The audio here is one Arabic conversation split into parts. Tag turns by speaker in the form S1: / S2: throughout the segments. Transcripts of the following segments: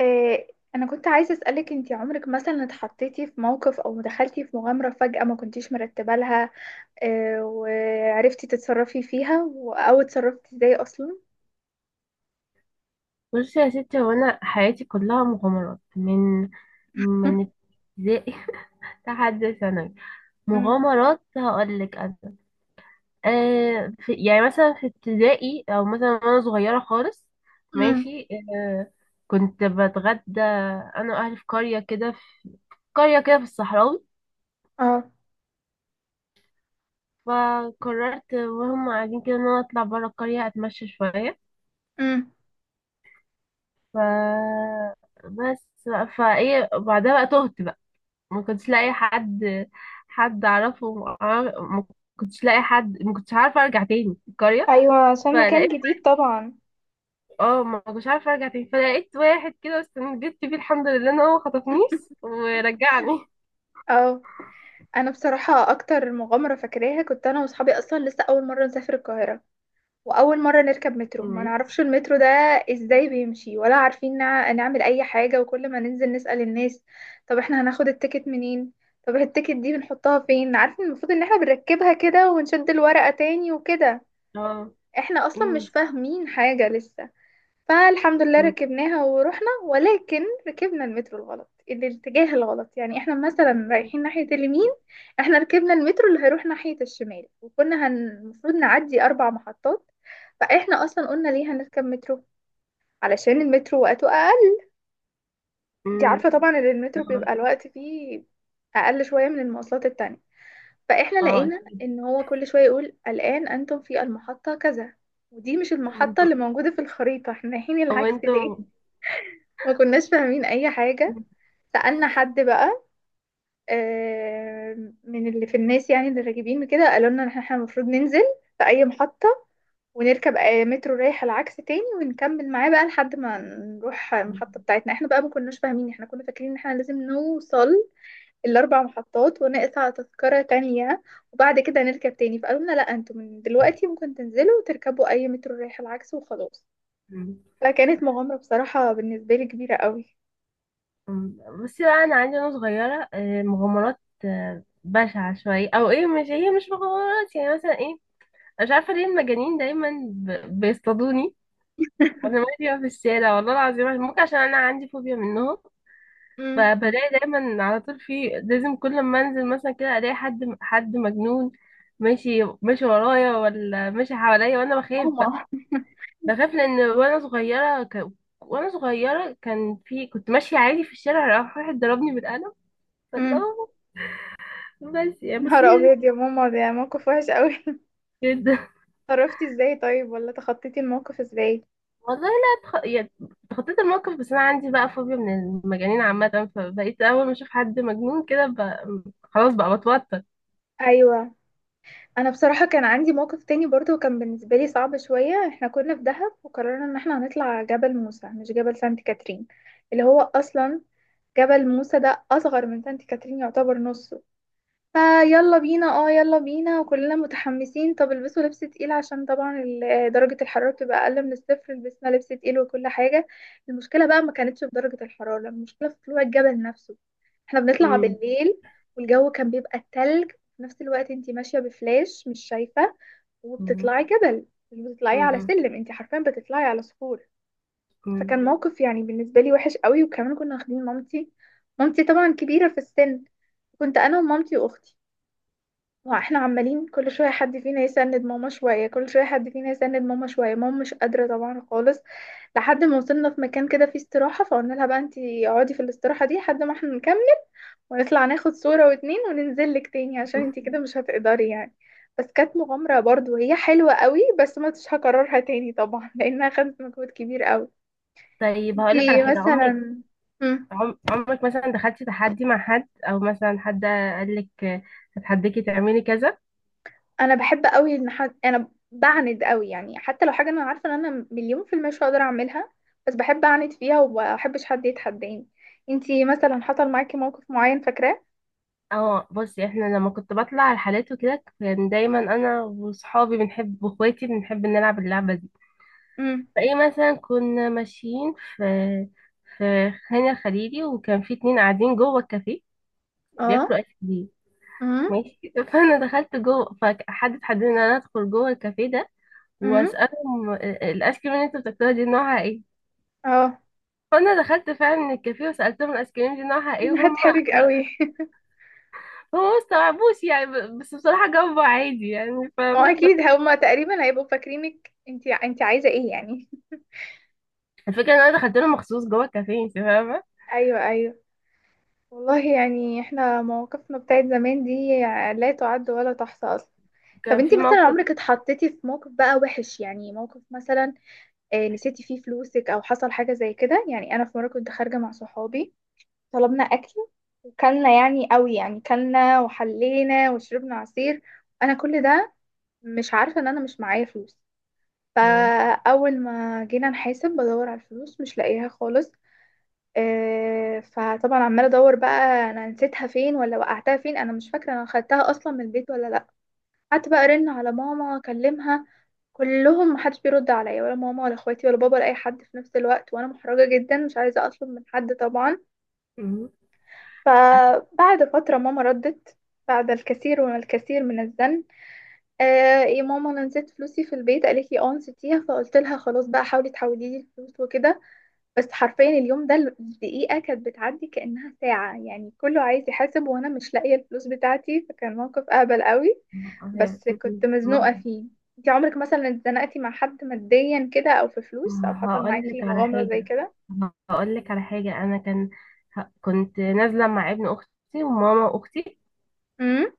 S1: إيه، انا كنت عايزة اسألك، انتي عمرك مثلا اتحطيتي في موقف او دخلتي في مغامرة فجأة ما كنتيش مرتبة لها؟ إيه، وعرفتي تتصرفي فيها او اتصرفتي ازاي اصلا؟
S2: بصي يا ستي، هو انا حياتي كلها مغامرات من من ابتدائي لحد ثانوي.
S1: امم.
S2: مغامرات هقول لك انا. آه في يعني مثلا في ابتدائي او مثلا وانا صغيره خالص،
S1: امم.
S2: ماشي. آه، كنت بتغدى انا واهلي في قريه كده في الصحراوي
S1: اه.
S2: فقررت وهم قاعدين كده ان انا اطلع بره القريه اتمشى شويه.
S1: امم.
S2: ف بس بقى- فايه بعدها بقى، تهت بقى. ما كنتش لاقي حد، حد اعرفه ما ما كنتش لاقي حد، ما كنتش عارفه ارجع تاني القريه.
S1: ايوه، عشان مكان
S2: فلقيت
S1: جديد طبعا.
S2: اه ما كنتش عارفه ارجع تاني، فلقيت واحد كده استنجدت فيه، الحمد لله ان هو خطفنيش ورجعني.
S1: اه. انا بصراحة اكتر مغامرة فاكراها، كنت انا واصحابي اصلا لسه اول مرة نسافر القاهرة، واول مره نركب مترو، ما
S2: مم.
S1: نعرفش المترو ده ازاي بيمشي، ولا عارفين نعمل اي حاجه، وكل ما ننزل نسال الناس، طب احنا هناخد التيكت منين؟ طب التيكت دي بنحطها فين؟ عارفين المفروض ان احنا بنركبها كده، ونشد الورقه تاني وكده.
S2: اه.
S1: احنا اصلا
S2: مم.
S1: مش فاهمين حاجه لسه. فالحمد لله
S2: مم.
S1: ركبناها ورحنا، ولكن ركبنا المترو الغلط، الاتجاه الغلط. يعني احنا مثلا رايحين ناحية اليمين، احنا ركبنا المترو اللي هيروح ناحية الشمال، وكنا المفروض نعدي أربع محطات. فاحنا أصلا قلنا ليه هنركب مترو؟ علشان المترو وقته أقل، دي
S2: مم.
S1: عارفة طبعا ان المترو
S2: اه.
S1: بيبقى الوقت فيه أقل شوية من المواصلات التانية. فاحنا
S2: آه،
S1: لقينا
S2: اكيد.
S1: ان هو كل شوية يقول الآن أنتم في المحطة كذا، ودي مش المحطة
S2: وانتوا،
S1: اللي موجودة في الخريطة، احنا رايحين العكس
S2: وانتوا
S1: ليه؟ ما كناش فاهمين اي حاجة. سألنا حد بقى، من اللي في الناس، يعني اللي راكبين كده، قالوا لنا ان احنا المفروض ننزل في اي محطة، ونركب مترو رايح العكس تاني، ونكمل معاه بقى لحد ما نروح المحطة
S2: مم.
S1: بتاعتنا. احنا بقى ما كناش فاهمين، احنا كنا فاكرين ان احنا لازم نوصل الاربع محطات، ونقطع تذكرة تانية، وبعد كده نركب تاني. فقالوا لنا لا، انتوا من دلوقتي ممكن تنزلوا وتركبوا اي مترو رايح العكس وخلاص. فكانت مغامرة بصراحة بالنسبة لي كبيرة قوي.
S2: مم. بصي بقى، انا عندي وانا صغيره آه، مغامرات آه، بشعه شويه او ايه. مش هي مش مغامرات، يعني مثلا ايه. مش عارفه ليه المجانين دايما بيصطادوني وانا ماشيه في الشارع، والله العظيم. ممكن عشان انا عندي فوبيا منهم.
S1: مم.
S2: فبلاقي دايما على طول، في لازم كل ما انزل مثلا كده الاقي حد مجنون ماشي ماشي ورايا، ولا ماشي حواليا، وانا بخاف بقى.
S1: ماما.
S2: بخاف لان وانا صغيره وانا صغيره كان في، كنت ماشيه عادي في الشارع، راح واحد ضربني بالقلم. فالله.
S1: امم.
S2: بس
S1: يا
S2: يعني بس
S1: نهار ابيض يا ماما، ده موقف وحش قوي!
S2: كده.
S1: اتصرفتي ازاي طيب، ولا تخطيتي الموقف ازاي؟
S2: والله لا تخ... يا- تخطيت الموقف، بس انا عندي بقى فوبيا من المجانين عامه، فبقيت اول ما اشوف حد مجنون كده خلاص بقى بتوتر.
S1: ايوه. انا بصراحه كان عندي موقف تاني برضو، كان بالنسبه لي صعب شويه. احنا كنا في دهب، وقررنا ان احنا هنطلع جبل موسى، مش جبل سانت كاترين. اللي هو اصلا جبل موسى ده اصغر من سانت كاترين، يعتبر نص. فيلا بينا، اه يلا بينا، وكلنا متحمسين. طب البسوا لبس تقيل عشان طبعا درجة الحرارة تبقى أقل من الصفر. لبسنا لبس تقيل وكل حاجة. المشكلة بقى ما كانتش في درجة الحرارة، المشكلة في طلوع الجبل نفسه. احنا بنطلع
S2: مم.
S1: بالليل، والجو كان بيبقى تلج، في نفس الوقت انتي ماشية بفلاش مش شايفة،
S2: مم.
S1: وبتطلعي جبل، مش بتطلعي على
S2: مم.
S1: سلم، انتي حرفيا بتطلعي على صخور.
S2: مم.
S1: فكان موقف يعني بالنسبة لي وحش قوي، وكمان كنا واخدين مامتي. مامتي طبعا كبيرة في السن. كنت أنا ومامتي وأختي. ما احنا عمالين كل شوية حد فينا يسند ماما شوية، كل شوية حد فينا يسند ماما شوية، ماما مش قادرة طبعا خالص. لحد ما وصلنا في مكان كده فيه استراحة، فقلنا لها بقى انتي اقعدي في الاستراحة دي لحد ما احنا نكمل، ونطلع ناخد صورة واتنين وننزل لك تاني، عشان انتي كده مش هتقدري يعني. بس كانت مغامرة برضو هي حلوة قوي، بس ما كنتش هكررها تاني طبعا لانها خدت مجهود كبير قوي.
S2: طيب هقولك على
S1: انتي
S2: حاجه. عمرك،
S1: مثلا،
S2: عمرك مثلا دخلتي تحدي مع حد، او مثلا حد قالك هتحديكي تعملي كذا؟
S1: انا بحب قوي ان حد، انا بعند قوي يعني، حتى لو حاجه انا عارفه ان انا مليون في المية مش هقدر اعملها، بس بحب اعند فيها، ومبحبش حد يتحداني. انتي مثلا حصل معاكي موقف معين فاكراه؟
S2: اه بصي، احنا لما كنت بطلع على الحالات وكده، كان دايما انا وصحابي بنحب واخواتي بنحب نلعب اللعبه دي.
S1: امم.
S2: فايه مثلا، كنا ماشيين في خان الخليلي وكان في اتنين قاعدين جوه الكافيه
S1: اه.
S2: بياكلوا ايس كريم،
S1: امم.
S2: ماشي. فانا دخلت جوه، فحد اتحدى ان انا ادخل جوه الكافيه ده
S1: امم.
S2: واسالهم الايس كريم اللي انتوا بتاكلوها دي نوعها ايه.
S1: اه.
S2: فانا دخلت فعلا الكافيه وسالتهم الايس كريم دي نوعها ايه، وهم
S1: هتحرج قوي.
S2: هم ما استوعبوش يعني، بس بصراحه جاوبوا عادي يعني،
S1: ما هو
S2: فاهمه.
S1: اكيد هما تقريبا هيبقوا فاكرينك انتي انتي عايزه ايه يعني.
S2: الفكره ان انا دخلت لهم مخصوص جوه الكافيه، انت فاهمه.
S1: ايوه، ايوه. والله يعني احنا مواقفنا بتاعت زمان دي لا تعد ولا تحصى اصلا. طب
S2: كان
S1: انتي
S2: في
S1: مثلا
S2: موقف.
S1: عمرك اتحطيتي في موقف بقى وحش، يعني موقف مثلا نسيتي فيه فلوسك او حصل حاجه زي كده؟ يعني انا في مره كنت خارجه مع صحابي، طلبنا اكل، وكلنا يعني قوي يعني، كلنا وحلينا وشربنا عصير، انا كل ده مش عارفه ان انا مش معايا فلوس.
S2: مم.
S1: فاول ما جينا نحاسب بدور على الفلوس مش لاقيها خالص. فطبعا عماله ادور بقى انا نسيتها فين، ولا وقعتها فين، انا مش فاكره انا خدتها اصلا من البيت ولا لا. قعدت بقى ارن على ماما اكلمها، كلهم محدش بيرد عليا، ولا ماما، ولا اخواتي، ولا بابا، ولا اي حد، في نفس الوقت وانا محرجه جدا مش عايزه اطلب من حد طبعا.
S2: مم.
S1: فبعد فتره ماما ردت، بعد الكثير والكثير من الزن، آه، يا ماما انا نسيت فلوسي في البيت، قالت لي اه نسيتيها، فقلت لها خلاص بقى حاولي تحولي لي الفلوس وكده. بس حرفيا اليوم ده الدقيقة كانت بتعدي كأنها ساعة، يعني كله عايز يحاسب، وأنا مش لاقية الفلوس بتاعتي، فكان موقف أهبل قوي، بس كنت مزنوقة
S2: ما
S1: فيه. انتي عمرك مثلا اتزنقتي مع حد ماديا كده، أو في فلوس، أو حصل
S2: هقول
S1: معاكي
S2: لك على
S1: مغامرة زي
S2: حاجة.
S1: كده؟
S2: هقول لك على حاجة، أنا كان كنت نازلة مع ابن أختي وماما أختي،
S1: امم.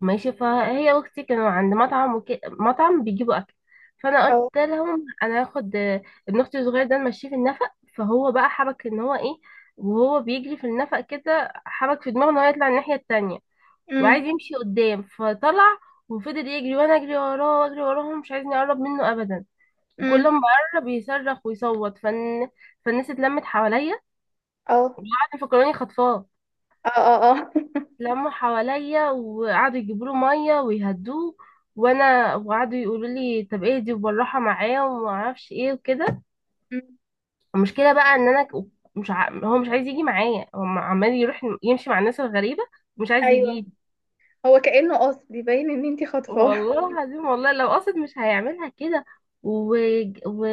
S2: ماشي. فهي وأختي كانوا عند مطعم مطعم بيجيبوا أكل، فأنا قلت
S1: اه.
S2: لهم أنا هاخد آه، ابن أختي الصغير ده نمشيه في النفق. فهو بقى حبك إن هو إيه، وهو بيجري في النفق كده حبك في دماغه إن هو يطلع الناحية التانية وعايز
S1: امم.
S2: يمشي قدام، فطلع وفضل يجري وأنا أجري وراه وأجري وراه، ومش عايزني أقرب منه أبدا. وكل
S1: امم.
S2: ما قرب يصرخ ويصوت، فالناس اتلمت حواليا،
S1: اه.
S2: قعدوا يفكروني خطفاه.
S1: اه. اه. اه.
S2: لموا حواليا وقعدوا يجيبوا له ميه ويهدوه، وانا وقعدوا يقولوا لي طب ايه دي، وبالراحه معاه وما اعرفش ايه وكده.
S1: أمم.
S2: المشكله بقى ان انا ك- مش ع... هو مش عايز يجي معايا، هو عمال يروح يمشي مع الناس الغريبه، مش عايز
S1: أيوه.
S2: يجي.
S1: هو كأنه قصد يبين إن انتي خاطفاه!
S2: والله العظيم، والله لو قصد مش هيعملها كده. و... و...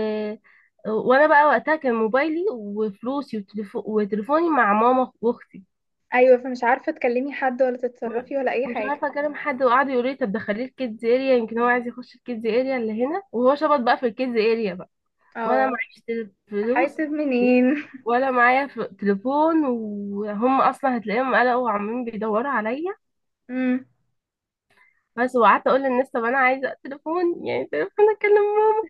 S2: وانا بقى وقتها كان موبايلي وفلوسي وتليفوني مع ماما واختي.
S1: أيوه، فمش عارفة تكلمي حد، ولا
S2: م-
S1: تتصرفي، ولا أي
S2: مش
S1: حاجة.
S2: عارفه اكلم حد، وقعد يقول لي طب دخليه الكيدز اريا، يمكن هو عايز يخش الكيدز اريا اللي هنا، وهو شبط بقى في الكيدز اريا بقى، وانا
S1: اه.
S2: معيش فلوس
S1: أحاسب منين؟
S2: ولا معايا تليفون، وهم اصلا هتلاقيهم قلقوا وعمالين بيدوروا عليا.
S1: امم.
S2: بس وقعدت اقول للناس طب انا عايزه تليفون، يعني تليفون اكلم ماما.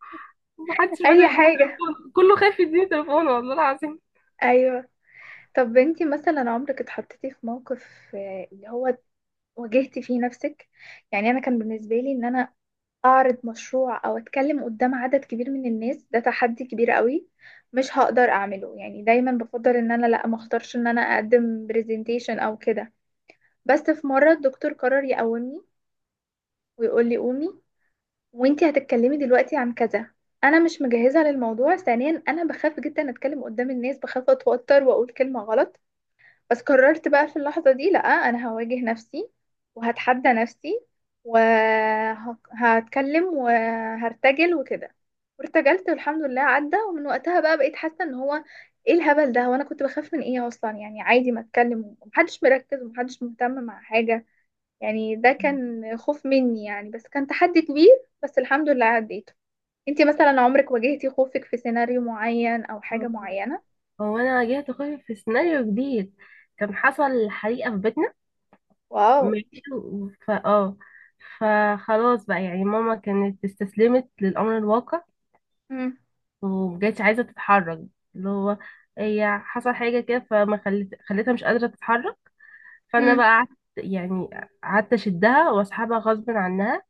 S2: محدش راضي
S1: أي
S2: يديني
S1: حاجة.
S2: تليفون، كله خايف يديني تليفون، والله العظيم.
S1: ايوه. طب انتي مثلا عمرك اتحطيتي في موقف اللي هو واجهتي فيه نفسك؟ يعني انا كان بالنسبه لي ان انا اعرض مشروع او اتكلم قدام عدد كبير من الناس ده تحدي كبير قوي، مش هقدر اعمله، يعني دايما بفضل ان انا لا، ما اختارش ان انا اقدم برزنتيشن او كده. بس في مره الدكتور قرر يقومني، ويقول لي قومي، وانتي هتتكلمي دلوقتي عن كذا. انا مش مجهزه للموضوع، ثانيا انا بخاف جدا اتكلم قدام الناس، بخاف اتوتر واقول كلمه غلط. بس قررت بقى في اللحظة دي لأ، أنا هواجه نفسي، وهتحدى نفسي، وهتكلم وهرتجل وكده. وارتجلت والحمد لله عدى، ومن وقتها بقى بقيت حاسة ان هو ايه الهبل ده، وانا كنت بخاف من ايه اصلا، يعني عادي ما اتكلم، ومحدش مركز ومحدش مهتم مع حاجة، يعني ده كان خوف مني يعني، بس كان تحدي كبير، بس الحمد لله عديته. انتي مثلا عمرك واجهتي خوفك في سيناريو معين او حاجة معينة؟
S2: هو انا واجهت خوفي في سيناريو جديد. كان حصل حريقة في بيتنا،
S1: واو.
S2: ماشي. ف اه فخلاص بقى يعني، ماما كانت استسلمت للأمر الواقع
S1: مم.
S2: ومبقتش عايزة تتحرك. اللي هو، هي حصل حاجة كده، فما خلت خلتها مش قادرة تتحرك. فأنا
S1: مم.
S2: بقى قعدت يعني، قعدت أشدها وأسحبها غصب عنها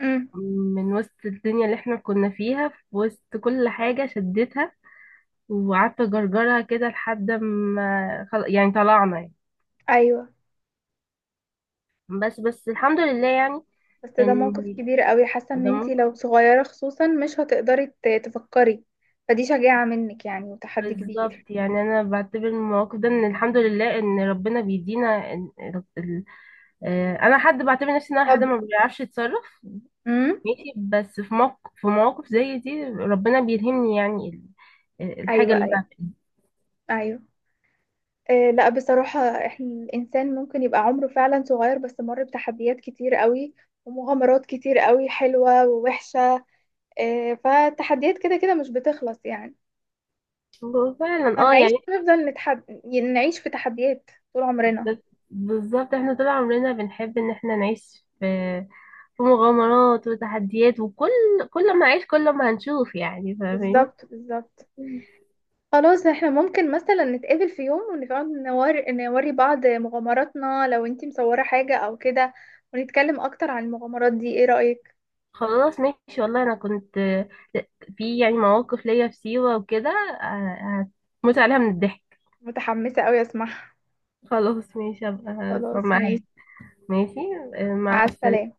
S1: مم.
S2: من وسط الدنيا اللي احنا كنا فيها، في وسط كل حاجة شدتها وقعدت اجرجرها كده لحد ما يعني طلعنا يعني.
S1: ايوه،
S2: بس بس الحمد لله يعني.
S1: بس ده
S2: ان
S1: موقف كبير قوي، حاسه ان
S2: ده
S1: انتي
S2: ممكن.
S1: لو صغيره خصوصا مش هتقدري تفكري. فدي شجاعه منك يعني، وتحدي كبير.
S2: بالظبط، يعني انا بعتبر من المواقف ده ان الحمد لله ان ربنا بيدينا آه، انا حد بعتبر نفسي ان انا حد
S1: صبر.
S2: ما بيعرفش يتصرف،
S1: امم.
S2: ماشي. بس في موقف، في مواقف زي دي ربنا بيلهمني، يعني آه، الحاجة
S1: ايوه،
S2: اللي
S1: ايوه.
S2: انا
S1: ايوه. آه لا بصراحه. احنا الانسان ممكن يبقى عمره فعلا صغير، بس مر بتحديات كتير قوي، ومغامرات كتير قوي حلوه ووحشه. آه، فالتحديات كده كده مش بتخلص يعني،
S2: بعملها. فعلا اه
S1: هنعيش
S2: يعني.
S1: نفضل نعيش في تحديات طول عمرنا.
S2: بس- بالظبط، احنا طول عمرنا بنحب ان احنا نعيش في في مغامرات وتحديات، وكل كل ما أعيش كل ما هنشوف، يعني فاهمين.
S1: بالظبط، بالظبط. خلاص احنا ممكن مثلا نتقابل في يوم ونقعد نوري بعض مغامراتنا لو انتي مصورة حاجة او كده، ونتكلم اكتر عن المغامرات دي، ايه رأيك؟
S2: خلاص ماشي. والله أنا كنت في يعني مواقف ليا في سيوة وكده آه، هتموت عليها من الضحك.
S1: متحمسة اوي اسمعها.
S2: خلاص ماشي، أبقى أسمع
S1: خلاص ماشي.
S2: معاك. ماشي. آه،
S1: مع
S2: مع
S1: السلامة.
S2: السلامة.